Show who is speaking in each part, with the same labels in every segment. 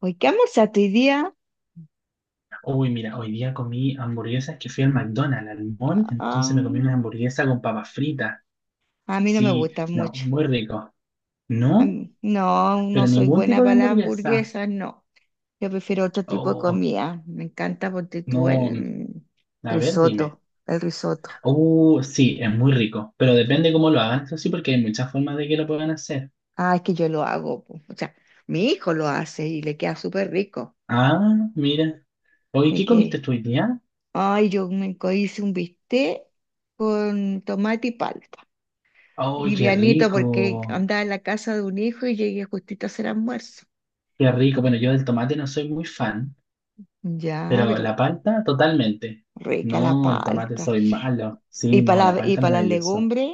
Speaker 1: ¿Hoy qué almorzaste hoy día?
Speaker 2: Uy, mira, hoy día comí hamburguesas que fui al McDonald's, al mall, entonces me comí una
Speaker 1: Ah,
Speaker 2: hamburguesa con papas fritas.
Speaker 1: a mí no me
Speaker 2: Sí,
Speaker 1: gusta
Speaker 2: no,
Speaker 1: mucho.
Speaker 2: muy rico.
Speaker 1: A
Speaker 2: No,
Speaker 1: mí, no, no
Speaker 2: pero
Speaker 1: soy
Speaker 2: ningún
Speaker 1: buena
Speaker 2: tipo de
Speaker 1: para las
Speaker 2: hamburguesa.
Speaker 1: hamburguesas, no. Yo prefiero otro tipo de
Speaker 2: Oh,
Speaker 1: comida. Me encanta porque tú
Speaker 2: no,
Speaker 1: el mm,
Speaker 2: a ver, dime.
Speaker 1: risotto, el risotto.
Speaker 2: Sí, es muy rico, pero depende cómo lo hagan, eso sí, porque hay muchas formas de que lo puedan hacer.
Speaker 1: Ah, es que yo lo hago, po. O sea, mi hijo lo hace y le queda súper rico.
Speaker 2: Ah, mira. Oye,
Speaker 1: Y
Speaker 2: ¿qué comiste
Speaker 1: que,
Speaker 2: tú hoy día?
Speaker 1: ay, hice un bistec con tomate y palta.
Speaker 2: Oh, qué
Speaker 1: Livianito porque
Speaker 2: rico,
Speaker 1: andaba en la casa de un hijo y llegué justito a hacer almuerzo.
Speaker 2: qué rico. Bueno, yo del tomate no soy muy fan.
Speaker 1: Ya,
Speaker 2: Pero
Speaker 1: pero
Speaker 2: la palta, totalmente.
Speaker 1: rica la
Speaker 2: No, el tomate
Speaker 1: palta.
Speaker 2: soy malo.
Speaker 1: Y
Speaker 2: Sí, no,
Speaker 1: para
Speaker 2: la
Speaker 1: y
Speaker 2: palta
Speaker 1: para las
Speaker 2: maravillosa.
Speaker 1: legumbres,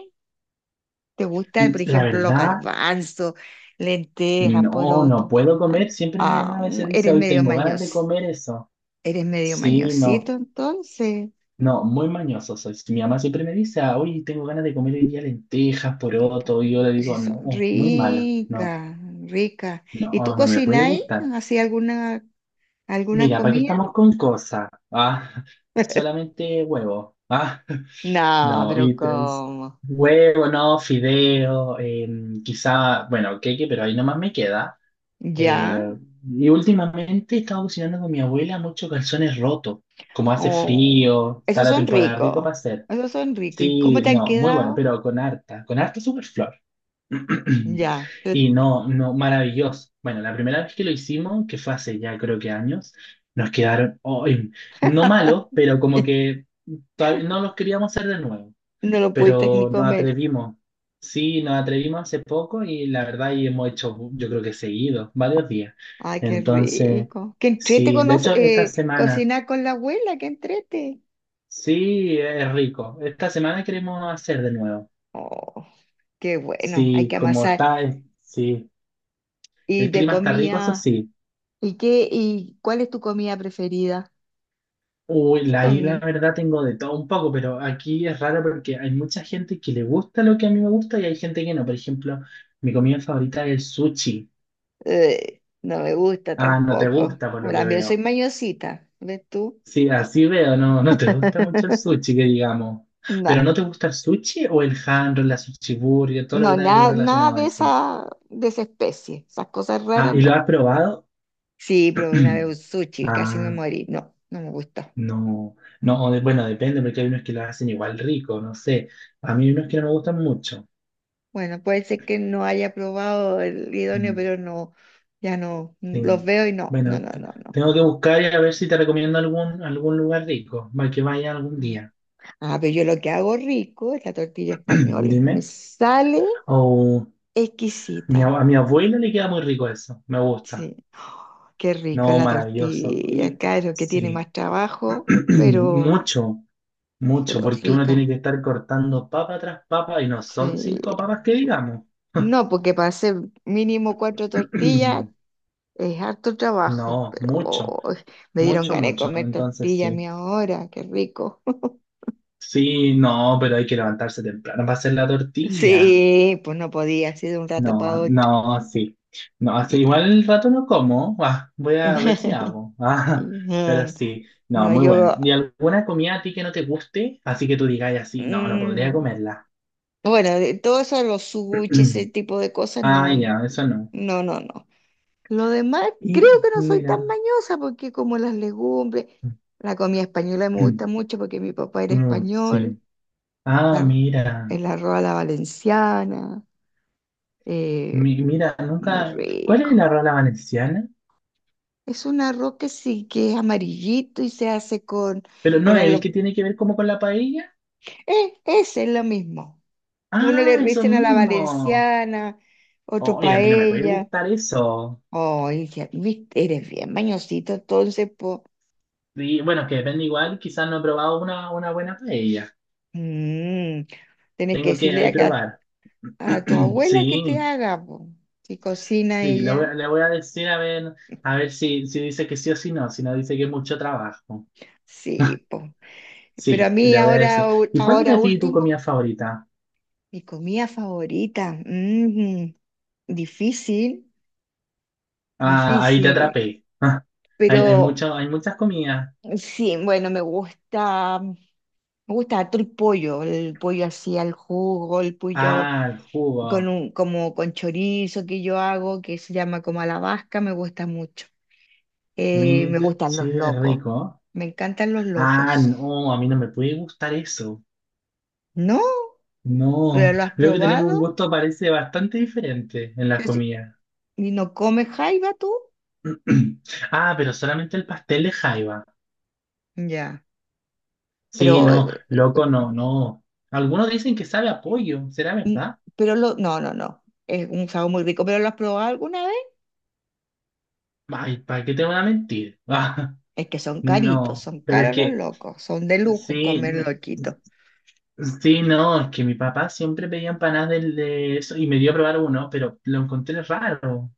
Speaker 1: ¿te gusta,
Speaker 2: Mm,
Speaker 1: por
Speaker 2: La
Speaker 1: ejemplo, los
Speaker 2: verdad,
Speaker 1: garbanzos, lentejas,
Speaker 2: no, no
Speaker 1: poroto?
Speaker 2: puedo
Speaker 1: Ah,
Speaker 2: comer. Siempre mi
Speaker 1: ah,
Speaker 2: mamá a
Speaker 1: mm,
Speaker 2: veces dice,
Speaker 1: eres
Speaker 2: hoy
Speaker 1: medio
Speaker 2: tengo ganas de
Speaker 1: mañoso.
Speaker 2: comer eso.
Speaker 1: Eres medio
Speaker 2: Sí,
Speaker 1: mañosito,
Speaker 2: no.
Speaker 1: entonces.
Speaker 2: No, muy mañoso soy. Si mi mamá siempre me dice, "Ah, hoy tengo ganas de comer hoy día lentejas,
Speaker 1: Po-
Speaker 2: poroto". Y yo le
Speaker 1: Sí,
Speaker 2: digo,
Speaker 1: son
Speaker 2: no, muy malo. No,
Speaker 1: ricas, ricas. ¿Y tú
Speaker 2: no, no me puede
Speaker 1: cocináis?
Speaker 2: gustar.
Speaker 1: ¿Hacías alguna
Speaker 2: Mira, ¿para qué
Speaker 1: comida?
Speaker 2: estamos con cosas? Ah, solamente huevo. Ah.
Speaker 1: No,
Speaker 2: No,
Speaker 1: pero
Speaker 2: y es
Speaker 1: ¿cómo?
Speaker 2: huevo, no, fideo, quizá, bueno, queque, pero ahí nomás me queda. Eh,
Speaker 1: ¿Ya?
Speaker 2: y últimamente he estado cocinando con mi abuela muchos calzones rotos. Como hace
Speaker 1: Oh,
Speaker 2: frío, está
Speaker 1: esos
Speaker 2: la
Speaker 1: son
Speaker 2: temporada rico
Speaker 1: ricos.
Speaker 2: para hacer.
Speaker 1: Esos son ricos. ¿Y cómo
Speaker 2: Sí,
Speaker 1: te han
Speaker 2: no, muy bueno,
Speaker 1: quedado?
Speaker 2: pero con harta superflor.
Speaker 1: Ya. Pero
Speaker 2: Y no, no, maravilloso. Bueno, la primera vez que lo hicimos, que fue hace ya creo que años, nos quedaron, ay, no malos, pero como que todavía no los queríamos hacer de nuevo,
Speaker 1: no lo pudiste ni
Speaker 2: pero nos
Speaker 1: comer.
Speaker 2: atrevimos. Sí, nos atrevimos hace poco y la verdad y hemos hecho, yo creo que seguido, varios días.
Speaker 1: Ay, qué
Speaker 2: Entonces,
Speaker 1: rico, qué entrete
Speaker 2: sí,
Speaker 1: con
Speaker 2: de hecho esta semana,
Speaker 1: cocinar con la abuela, qué entrete.
Speaker 2: sí, es rico. Esta semana queremos hacer de nuevo.
Speaker 1: Oh, qué bueno, hay
Speaker 2: Sí,
Speaker 1: que
Speaker 2: como
Speaker 1: amasar.
Speaker 2: está, sí,
Speaker 1: Y
Speaker 2: el
Speaker 1: de
Speaker 2: clima está rico, eso
Speaker 1: comida,
Speaker 2: sí.
Speaker 1: ¿y cuál es tu comida preferida?
Speaker 2: Uy,
Speaker 1: ¿Qué
Speaker 2: la ahí la
Speaker 1: comí?
Speaker 2: verdad tengo de todo un poco, pero aquí es raro porque hay mucha gente que le gusta lo que a mí me gusta y hay gente que no. Por ejemplo, mi comida favorita es el sushi.
Speaker 1: No me gusta
Speaker 2: Ah, no te
Speaker 1: tampoco.
Speaker 2: gusta por lo que
Speaker 1: También soy
Speaker 2: veo.
Speaker 1: mañosita, ¿ves tú?
Speaker 2: Sí, así veo, no, no te gusta mucho el sushi, que digamos. Pero
Speaker 1: No,
Speaker 2: ¿no te gusta el sushi o el hand roll, la sushi burger, todo lo
Speaker 1: no,
Speaker 2: que tenga que ver
Speaker 1: nada, nada
Speaker 2: relacionado a
Speaker 1: de
Speaker 2: eso?
Speaker 1: esa, de esa especie. Esas cosas
Speaker 2: Ah,
Speaker 1: raras,
Speaker 2: ¿y
Speaker 1: no.
Speaker 2: lo has probado?
Speaker 1: Sí, probé una vez un sushi, casi me
Speaker 2: Ah,
Speaker 1: morí. No, no me gustó.
Speaker 2: no, no, bueno, depende, porque hay unos que lo hacen igual rico, no sé. A mí hay unos que no me gustan mucho.
Speaker 1: Bueno, puede ser que no haya probado el idóneo,
Speaker 2: Mm,
Speaker 1: pero no, ya no, los
Speaker 2: sí.
Speaker 1: veo y no, no,
Speaker 2: Bueno,
Speaker 1: no, no, no.
Speaker 2: tengo que buscar y a ver si te recomiendo algún lugar rico, para que vaya algún
Speaker 1: Mm.
Speaker 2: día.
Speaker 1: Ah, pero yo lo que hago rico es la tortilla española. Me
Speaker 2: Dime.
Speaker 1: sale
Speaker 2: O
Speaker 1: exquisita.
Speaker 2: a mi abuela le queda muy rico eso. Me gusta.
Speaker 1: Sí. Oh, qué rico
Speaker 2: No,
Speaker 1: la
Speaker 2: maravilloso.
Speaker 1: tortilla, claro, que tiene
Speaker 2: Sí.
Speaker 1: más trabajo,
Speaker 2: Mucho, mucho,
Speaker 1: pero
Speaker 2: porque uno tiene
Speaker 1: rica.
Speaker 2: que estar cortando papa tras papa y no son cinco
Speaker 1: Sí.
Speaker 2: papas que digamos.
Speaker 1: No, porque para hacer mínimo cuatro tortillas es harto trabajo,
Speaker 2: No,
Speaker 1: pero
Speaker 2: mucho,
Speaker 1: oh, me dieron
Speaker 2: mucho,
Speaker 1: ganas de
Speaker 2: mucho.
Speaker 1: comer
Speaker 2: Entonces
Speaker 1: tortilla a
Speaker 2: sí.
Speaker 1: mí ahora, qué rico.
Speaker 2: Sí, no, pero hay que levantarse temprano para hacer la tortilla.
Speaker 1: Sí, pues no podía, así de un rato para
Speaker 2: No,
Speaker 1: otro.
Speaker 2: no, sí. No, hace
Speaker 1: Y-
Speaker 2: igual el rato no como. Ah, voy a ver si hago. Ah, pero
Speaker 1: No,
Speaker 2: sí, no,
Speaker 1: no,
Speaker 2: muy bueno.
Speaker 1: yo,
Speaker 2: ¿Y alguna comida a ti que no te guste? Así que tú digas así, no, no podría
Speaker 1: mm,
Speaker 2: comerla.
Speaker 1: bueno, de todo eso de los sushi, ese tipo de cosas,
Speaker 2: Ah,
Speaker 1: no,
Speaker 2: ya, eso no.
Speaker 1: no, no, no. Lo demás, creo
Speaker 2: Y
Speaker 1: que no soy tan
Speaker 2: mira.
Speaker 1: mañosa porque como las legumbres, la comida española me gusta mucho porque mi papá era
Speaker 2: Mm, sí.
Speaker 1: español,
Speaker 2: Ah,
Speaker 1: la-
Speaker 2: mira.
Speaker 1: el arroz a la valenciana, eh,
Speaker 2: Mira,
Speaker 1: muy
Speaker 2: nunca. ¿Cuál es
Speaker 1: rico.
Speaker 2: la rola valenciana?
Speaker 1: Es un arroz que sí, que es amarillito y se hace con...
Speaker 2: Pero no, el
Speaker 1: Bueno,
Speaker 2: que tiene que ver como con la paella.
Speaker 1: eh, ese es lo mismo. Que uno le
Speaker 2: Ah, eso
Speaker 1: dicen a la
Speaker 2: mismo.
Speaker 1: valenciana, otro
Speaker 2: Oye, a mí no me puede
Speaker 1: paella.
Speaker 2: gustar eso.
Speaker 1: Oh, viste, eres bien mañosito, entonces, po.
Speaker 2: Sí, bueno, que depende igual, quizás no he probado una buena paella.
Speaker 1: Mm, tienes que
Speaker 2: Tengo que
Speaker 1: decirle
Speaker 2: ahí
Speaker 1: acá
Speaker 2: probar.
Speaker 1: a tu abuela que te
Speaker 2: Sí,
Speaker 1: haga, po. Si cocina
Speaker 2: sí, le voy,
Speaker 1: ella.
Speaker 2: le voy a decir a ver si, si dice que sí o si no, si no dice que es mucho trabajo.
Speaker 1: Sí, po. Pero a
Speaker 2: Sí,
Speaker 1: mí
Speaker 2: le voy a decir.
Speaker 1: ahora,
Speaker 2: ¿Y cuál es
Speaker 1: ahora
Speaker 2: a ti tu
Speaker 1: último,
Speaker 2: comida favorita?
Speaker 1: mi comida favorita, mm, difícil,
Speaker 2: Ah, ahí te
Speaker 1: difícil.
Speaker 2: atrapé. Ah,
Speaker 1: Pero
Speaker 2: hay muchas comidas.
Speaker 1: sí, bueno, me gusta. Me gusta harto el pollo así al jugo, el pollo
Speaker 2: Ah, el jugo.
Speaker 1: con un, como con chorizo que yo hago, que se llama como a la vasca, me gusta mucho. Me gustan los
Speaker 2: Sí, es
Speaker 1: locos,
Speaker 2: rico.
Speaker 1: me encantan los
Speaker 2: Ah,
Speaker 1: locos.
Speaker 2: no, a mí no me puede gustar eso.
Speaker 1: ¿No? ¿Pero
Speaker 2: No,
Speaker 1: lo has
Speaker 2: veo que tenemos un
Speaker 1: probado?
Speaker 2: gusto, parece bastante diferente en las
Speaker 1: Pero si-
Speaker 2: comidas.
Speaker 1: ¿Y no comes jaiba tú?
Speaker 2: Ah, pero solamente el pastel de jaiba.
Speaker 1: Ya,
Speaker 2: Sí,
Speaker 1: pero,
Speaker 2: no, loco, no, no. Algunos dicen que sabe a pollo, ¿será
Speaker 1: mm,
Speaker 2: verdad?
Speaker 1: pero lo, no, no, no, es un sabor muy rico, ¿pero lo has probado alguna vez?
Speaker 2: Ay, ¿para qué te van a mentir? Ah,
Speaker 1: Es que son caritos,
Speaker 2: no,
Speaker 1: son
Speaker 2: pero es
Speaker 1: caros los
Speaker 2: que,
Speaker 1: locos, son de lujo
Speaker 2: sí,
Speaker 1: comer
Speaker 2: no,
Speaker 1: loquitos.
Speaker 2: sí, no, es que mi papá siempre pedía empanadas de eso y me dio a probar uno, pero lo encontré raro.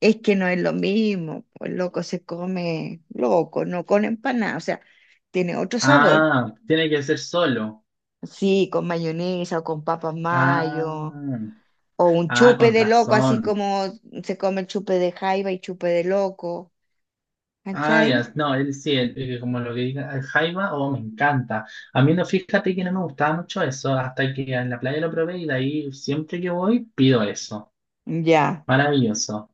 Speaker 1: Es que no es lo mismo, pues loco se come loco, no con empanada, o sea, tiene otro sabor.
Speaker 2: Ah, tiene que ser solo.
Speaker 1: Sí, con mayonesa o con papas
Speaker 2: Ah,
Speaker 1: mayo, o un
Speaker 2: ah,
Speaker 1: chupe
Speaker 2: con
Speaker 1: de loco, así
Speaker 2: razón.
Speaker 1: como se come el chupe de jaiba y chupe de loco,
Speaker 2: Ah, ya,
Speaker 1: ¿cachai?
Speaker 2: no, él sí, él, como lo que diga el jaiba, oh, me encanta. A mí no, fíjate que no me gustaba mucho eso, hasta que en la playa lo probé y de ahí siempre que voy pido eso.
Speaker 1: Ya.
Speaker 2: Maravilloso.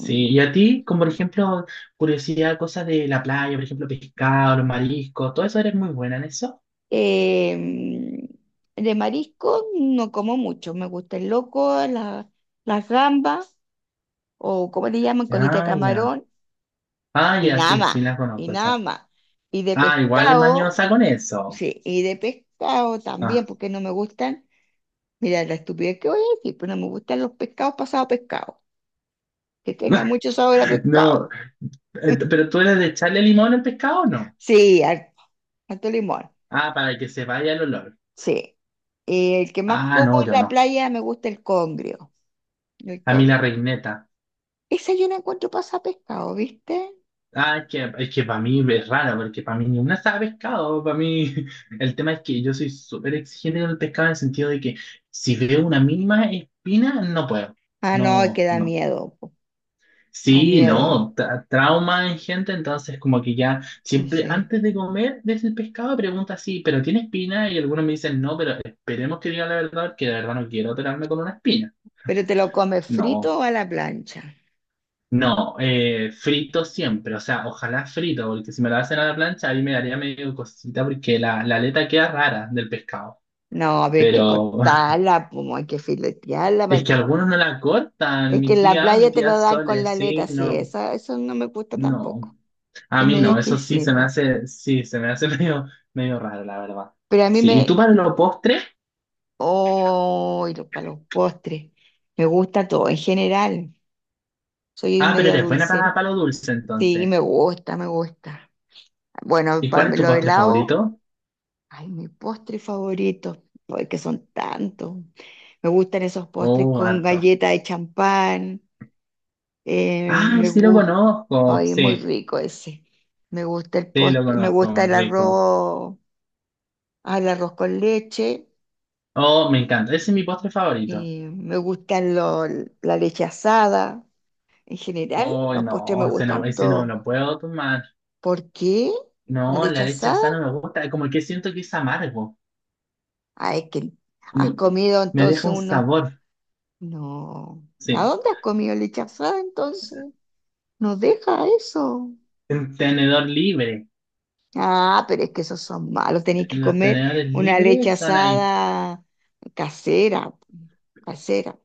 Speaker 1: Mm,
Speaker 2: y a ti, como por ejemplo, curiosidad, cosas de la playa, por ejemplo, pescado, los mariscos, todo eso eres muy buena en eso.
Speaker 1: em, de marisco no como mucho, me gusta el loco, las gambas, o como le llaman, colita de
Speaker 2: Ah, ya.
Speaker 1: camarón,
Speaker 2: Ah,
Speaker 1: y
Speaker 2: ya,
Speaker 1: nada
Speaker 2: sí, sí,
Speaker 1: más,
Speaker 2: la
Speaker 1: y
Speaker 2: conozco
Speaker 1: nada
Speaker 2: esa.
Speaker 1: más. Y de
Speaker 2: Ah, igual
Speaker 1: pescado,
Speaker 2: mañosa con eso.
Speaker 1: sí, y de pescado también,
Speaker 2: Ah.
Speaker 1: porque no me gustan. Mira, la estupidez que voy a decir, pues no me gustan los pescados pasados a pescado que tengan mucho sabor a
Speaker 2: No,
Speaker 1: pescado.
Speaker 2: pero tú eres de echarle limón al pescado o no?
Speaker 1: Sí, harto, harto limón.
Speaker 2: Ah, para que se vaya el olor.
Speaker 1: Sí. El que más
Speaker 2: Ah,
Speaker 1: como
Speaker 2: no, yo
Speaker 1: en la
Speaker 2: no.
Speaker 1: playa me gusta el congrio. El
Speaker 2: A mí
Speaker 1: congrio.
Speaker 2: la reineta.
Speaker 1: Esa yo la encuentro pasada a pescado, ¿viste?
Speaker 2: Ah, es que para mí es rara, porque para mí ni una sabe pescado. Para mí, el tema es que yo soy súper exigente con el pescado en el sentido de que si veo una mínima espina, no puedo.
Speaker 1: Ah, no, es que
Speaker 2: No,
Speaker 1: da
Speaker 2: no.
Speaker 1: miedo, po. Da
Speaker 2: Sí,
Speaker 1: miedo.
Speaker 2: no. Trauma en gente, entonces, como que ya
Speaker 1: Sí,
Speaker 2: siempre
Speaker 1: sí.
Speaker 2: antes de comer desde el pescado pregunta así, ¿pero tiene espina? Y algunos me dicen no, pero esperemos que diga la verdad, que de verdad no quiero operarme con una espina.
Speaker 1: Pero te lo comes frito
Speaker 2: No.
Speaker 1: o a la plancha.
Speaker 2: No, frito siempre, o sea, ojalá frito, porque si me la hacen a la plancha, ahí me daría medio cosita porque la aleta queda rara del pescado.
Speaker 1: No, a ver, hay que
Speaker 2: Pero
Speaker 1: cortarla, como hay que filetearla.
Speaker 2: es que algunos no la cortan,
Speaker 1: Es que
Speaker 2: mi
Speaker 1: en la
Speaker 2: tía, mi
Speaker 1: playa te
Speaker 2: tía
Speaker 1: lo dan con
Speaker 2: Sole,
Speaker 1: la
Speaker 2: sí,
Speaker 1: aleta, sí,
Speaker 2: no,
Speaker 1: eso no me gusta
Speaker 2: no.
Speaker 1: tampoco.
Speaker 2: A
Speaker 1: Es
Speaker 2: mí
Speaker 1: medio
Speaker 2: no, eso sí se me
Speaker 1: exquisita.
Speaker 2: hace, sí, se me hace medio, medio raro, la verdad.
Speaker 1: Pero a mí
Speaker 2: Sí, ¿y tú
Speaker 1: me...
Speaker 2: para los postres?
Speaker 1: Oh, y los, para los postres. Me gusta todo, en general. Soy
Speaker 2: Ah, pero
Speaker 1: media
Speaker 2: eres buena
Speaker 1: dulcera.
Speaker 2: para lo dulce
Speaker 1: Sí,
Speaker 2: entonces.
Speaker 1: me gusta, me gusta. Bueno,
Speaker 2: ¿Y
Speaker 1: para
Speaker 2: cuál es tu
Speaker 1: lo
Speaker 2: postre
Speaker 1: helado,
Speaker 2: favorito?
Speaker 1: ay, mi postre favorito, porque son tantos. Me gustan esos postres
Speaker 2: Oh,
Speaker 1: con
Speaker 2: harto.
Speaker 1: galleta de champán,
Speaker 2: Ay,
Speaker 1: me
Speaker 2: sí lo
Speaker 1: gusta,
Speaker 2: conozco,
Speaker 1: ay, es muy
Speaker 2: sí,
Speaker 1: rico ese. Me gusta el
Speaker 2: sí lo
Speaker 1: postre, me gusta
Speaker 2: conozco,
Speaker 1: el
Speaker 2: rico.
Speaker 1: arroz al arroz con leche,
Speaker 2: Oh, me encanta. Ese es mi postre favorito.
Speaker 1: me gustan la leche asada. En general,
Speaker 2: Oh,
Speaker 1: los postres me
Speaker 2: no, ese no,
Speaker 1: gustan
Speaker 2: ese no
Speaker 1: todos.
Speaker 2: lo puedo tomar.
Speaker 1: ¿Por qué? ¿La
Speaker 2: No,
Speaker 1: leche
Speaker 2: la leche
Speaker 1: asada?
Speaker 2: asada no me gusta. Como que siento que es amargo.
Speaker 1: Ah, es que has
Speaker 2: Como que
Speaker 1: comido
Speaker 2: me
Speaker 1: entonces
Speaker 2: deja un
Speaker 1: uno.
Speaker 2: sabor.
Speaker 1: No. ¿A
Speaker 2: Sí.
Speaker 1: dónde has comido leche asada entonces? Nos deja eso.
Speaker 2: Un tenedor libre.
Speaker 1: Ah, pero es que esos son malos. Tenéis que
Speaker 2: Los
Speaker 1: comer
Speaker 2: tenedores
Speaker 1: una leche
Speaker 2: libres están ahí.
Speaker 1: asada casera. Casera,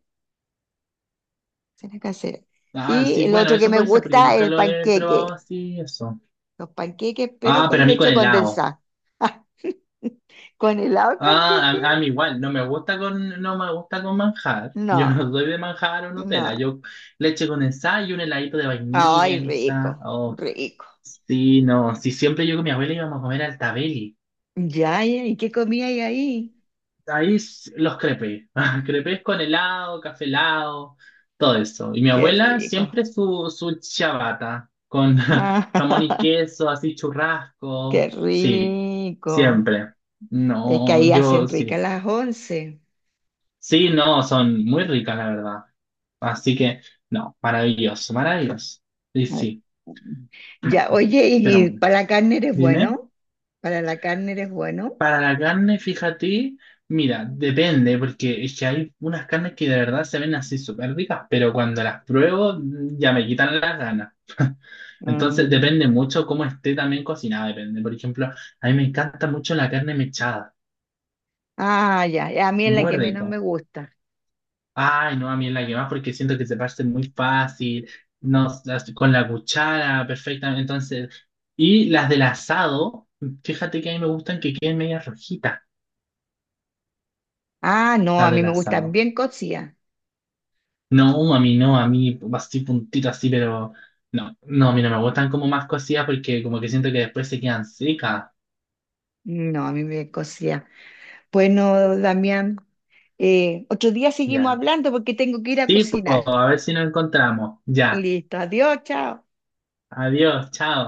Speaker 1: casera, casera.
Speaker 2: Ah,
Speaker 1: Y
Speaker 2: sí,
Speaker 1: el
Speaker 2: bueno,
Speaker 1: otro que
Speaker 2: eso
Speaker 1: me
Speaker 2: puede ser porque
Speaker 1: gusta es
Speaker 2: nunca
Speaker 1: el
Speaker 2: lo he probado
Speaker 1: panqueque.
Speaker 2: así, eso.
Speaker 1: Los panqueques, pero
Speaker 2: Ah, pero
Speaker 1: con
Speaker 2: a mí con
Speaker 1: leche
Speaker 2: helado.
Speaker 1: condensada. ¿Con helado el
Speaker 2: Ah,
Speaker 1: panqueque?
Speaker 2: a mí igual. No me gusta con, no me gusta con manjar. Yo
Speaker 1: No,
Speaker 2: no soy de manjar o
Speaker 1: no.
Speaker 2: Nutella. Yo leche condensada y un heladito de vainilla,
Speaker 1: Ay,
Speaker 2: quizá.
Speaker 1: rico,
Speaker 2: Oh,
Speaker 1: rico.
Speaker 2: sí, no, sí, siempre yo con mi abuela íbamos a comer al Tabeli.
Speaker 1: Ya, ya, ¿y qué comía hay ahí?
Speaker 2: Ahí los crepes, crepes con helado, café helado, todo eso. Y mi
Speaker 1: Qué
Speaker 2: abuela
Speaker 1: rico.
Speaker 2: siempre su, ciabatta con jamón y
Speaker 1: Ah,
Speaker 2: queso, así
Speaker 1: qué
Speaker 2: churrasco. Sí,
Speaker 1: rico.
Speaker 2: siempre.
Speaker 1: Es que ahí
Speaker 2: No,
Speaker 1: hacen
Speaker 2: yo
Speaker 1: ricas
Speaker 2: sí.
Speaker 1: las once.
Speaker 2: Sí, no, son muy ricas, la verdad. Así que, no, maravilloso, maravilloso. Y
Speaker 1: Mm.
Speaker 2: sí,
Speaker 1: Ya,
Speaker 2: no,
Speaker 1: oye,
Speaker 2: pero
Speaker 1: ¿y
Speaker 2: bueno,
Speaker 1: para la carne eres
Speaker 2: dime.
Speaker 1: bueno? ¿Para la carne eres bueno?
Speaker 2: Para la carne, fíjate, mira, depende, porque es que hay unas carnes que de verdad se ven así súper ricas, pero cuando las pruebo ya me quitan las ganas. Entonces
Speaker 1: Mm.
Speaker 2: depende mucho cómo esté también cocinada, depende. Por ejemplo, a mí me encanta mucho la carne mechada,
Speaker 1: Ah, ya, ya, a mí es la
Speaker 2: muy
Speaker 1: que menos me
Speaker 2: rico.
Speaker 1: gusta.
Speaker 2: Ay, no, a mí es la que más porque siento que se parte muy fácil, no, con la cuchara, perfectamente. Entonces, y las del asado, fíjate que a mí me gustan que queden medias rojitas,
Speaker 1: Ah, no, a
Speaker 2: las
Speaker 1: mí
Speaker 2: del
Speaker 1: me gustan
Speaker 2: asado.
Speaker 1: bien cocidas.
Speaker 2: No, a mí no, a mí así puntito así, pero no, no, a mí no me gustan como más cocidas porque como que siento que después se quedan secas.
Speaker 1: No, a mí me cosía. Bueno, Damián, otro día seguimos
Speaker 2: Ya.
Speaker 1: hablando porque tengo que ir a
Speaker 2: Sí, pues,
Speaker 1: cocinar.
Speaker 2: a ver si nos encontramos. Ya.
Speaker 1: Listo, adiós, chao.
Speaker 2: Adiós, chao.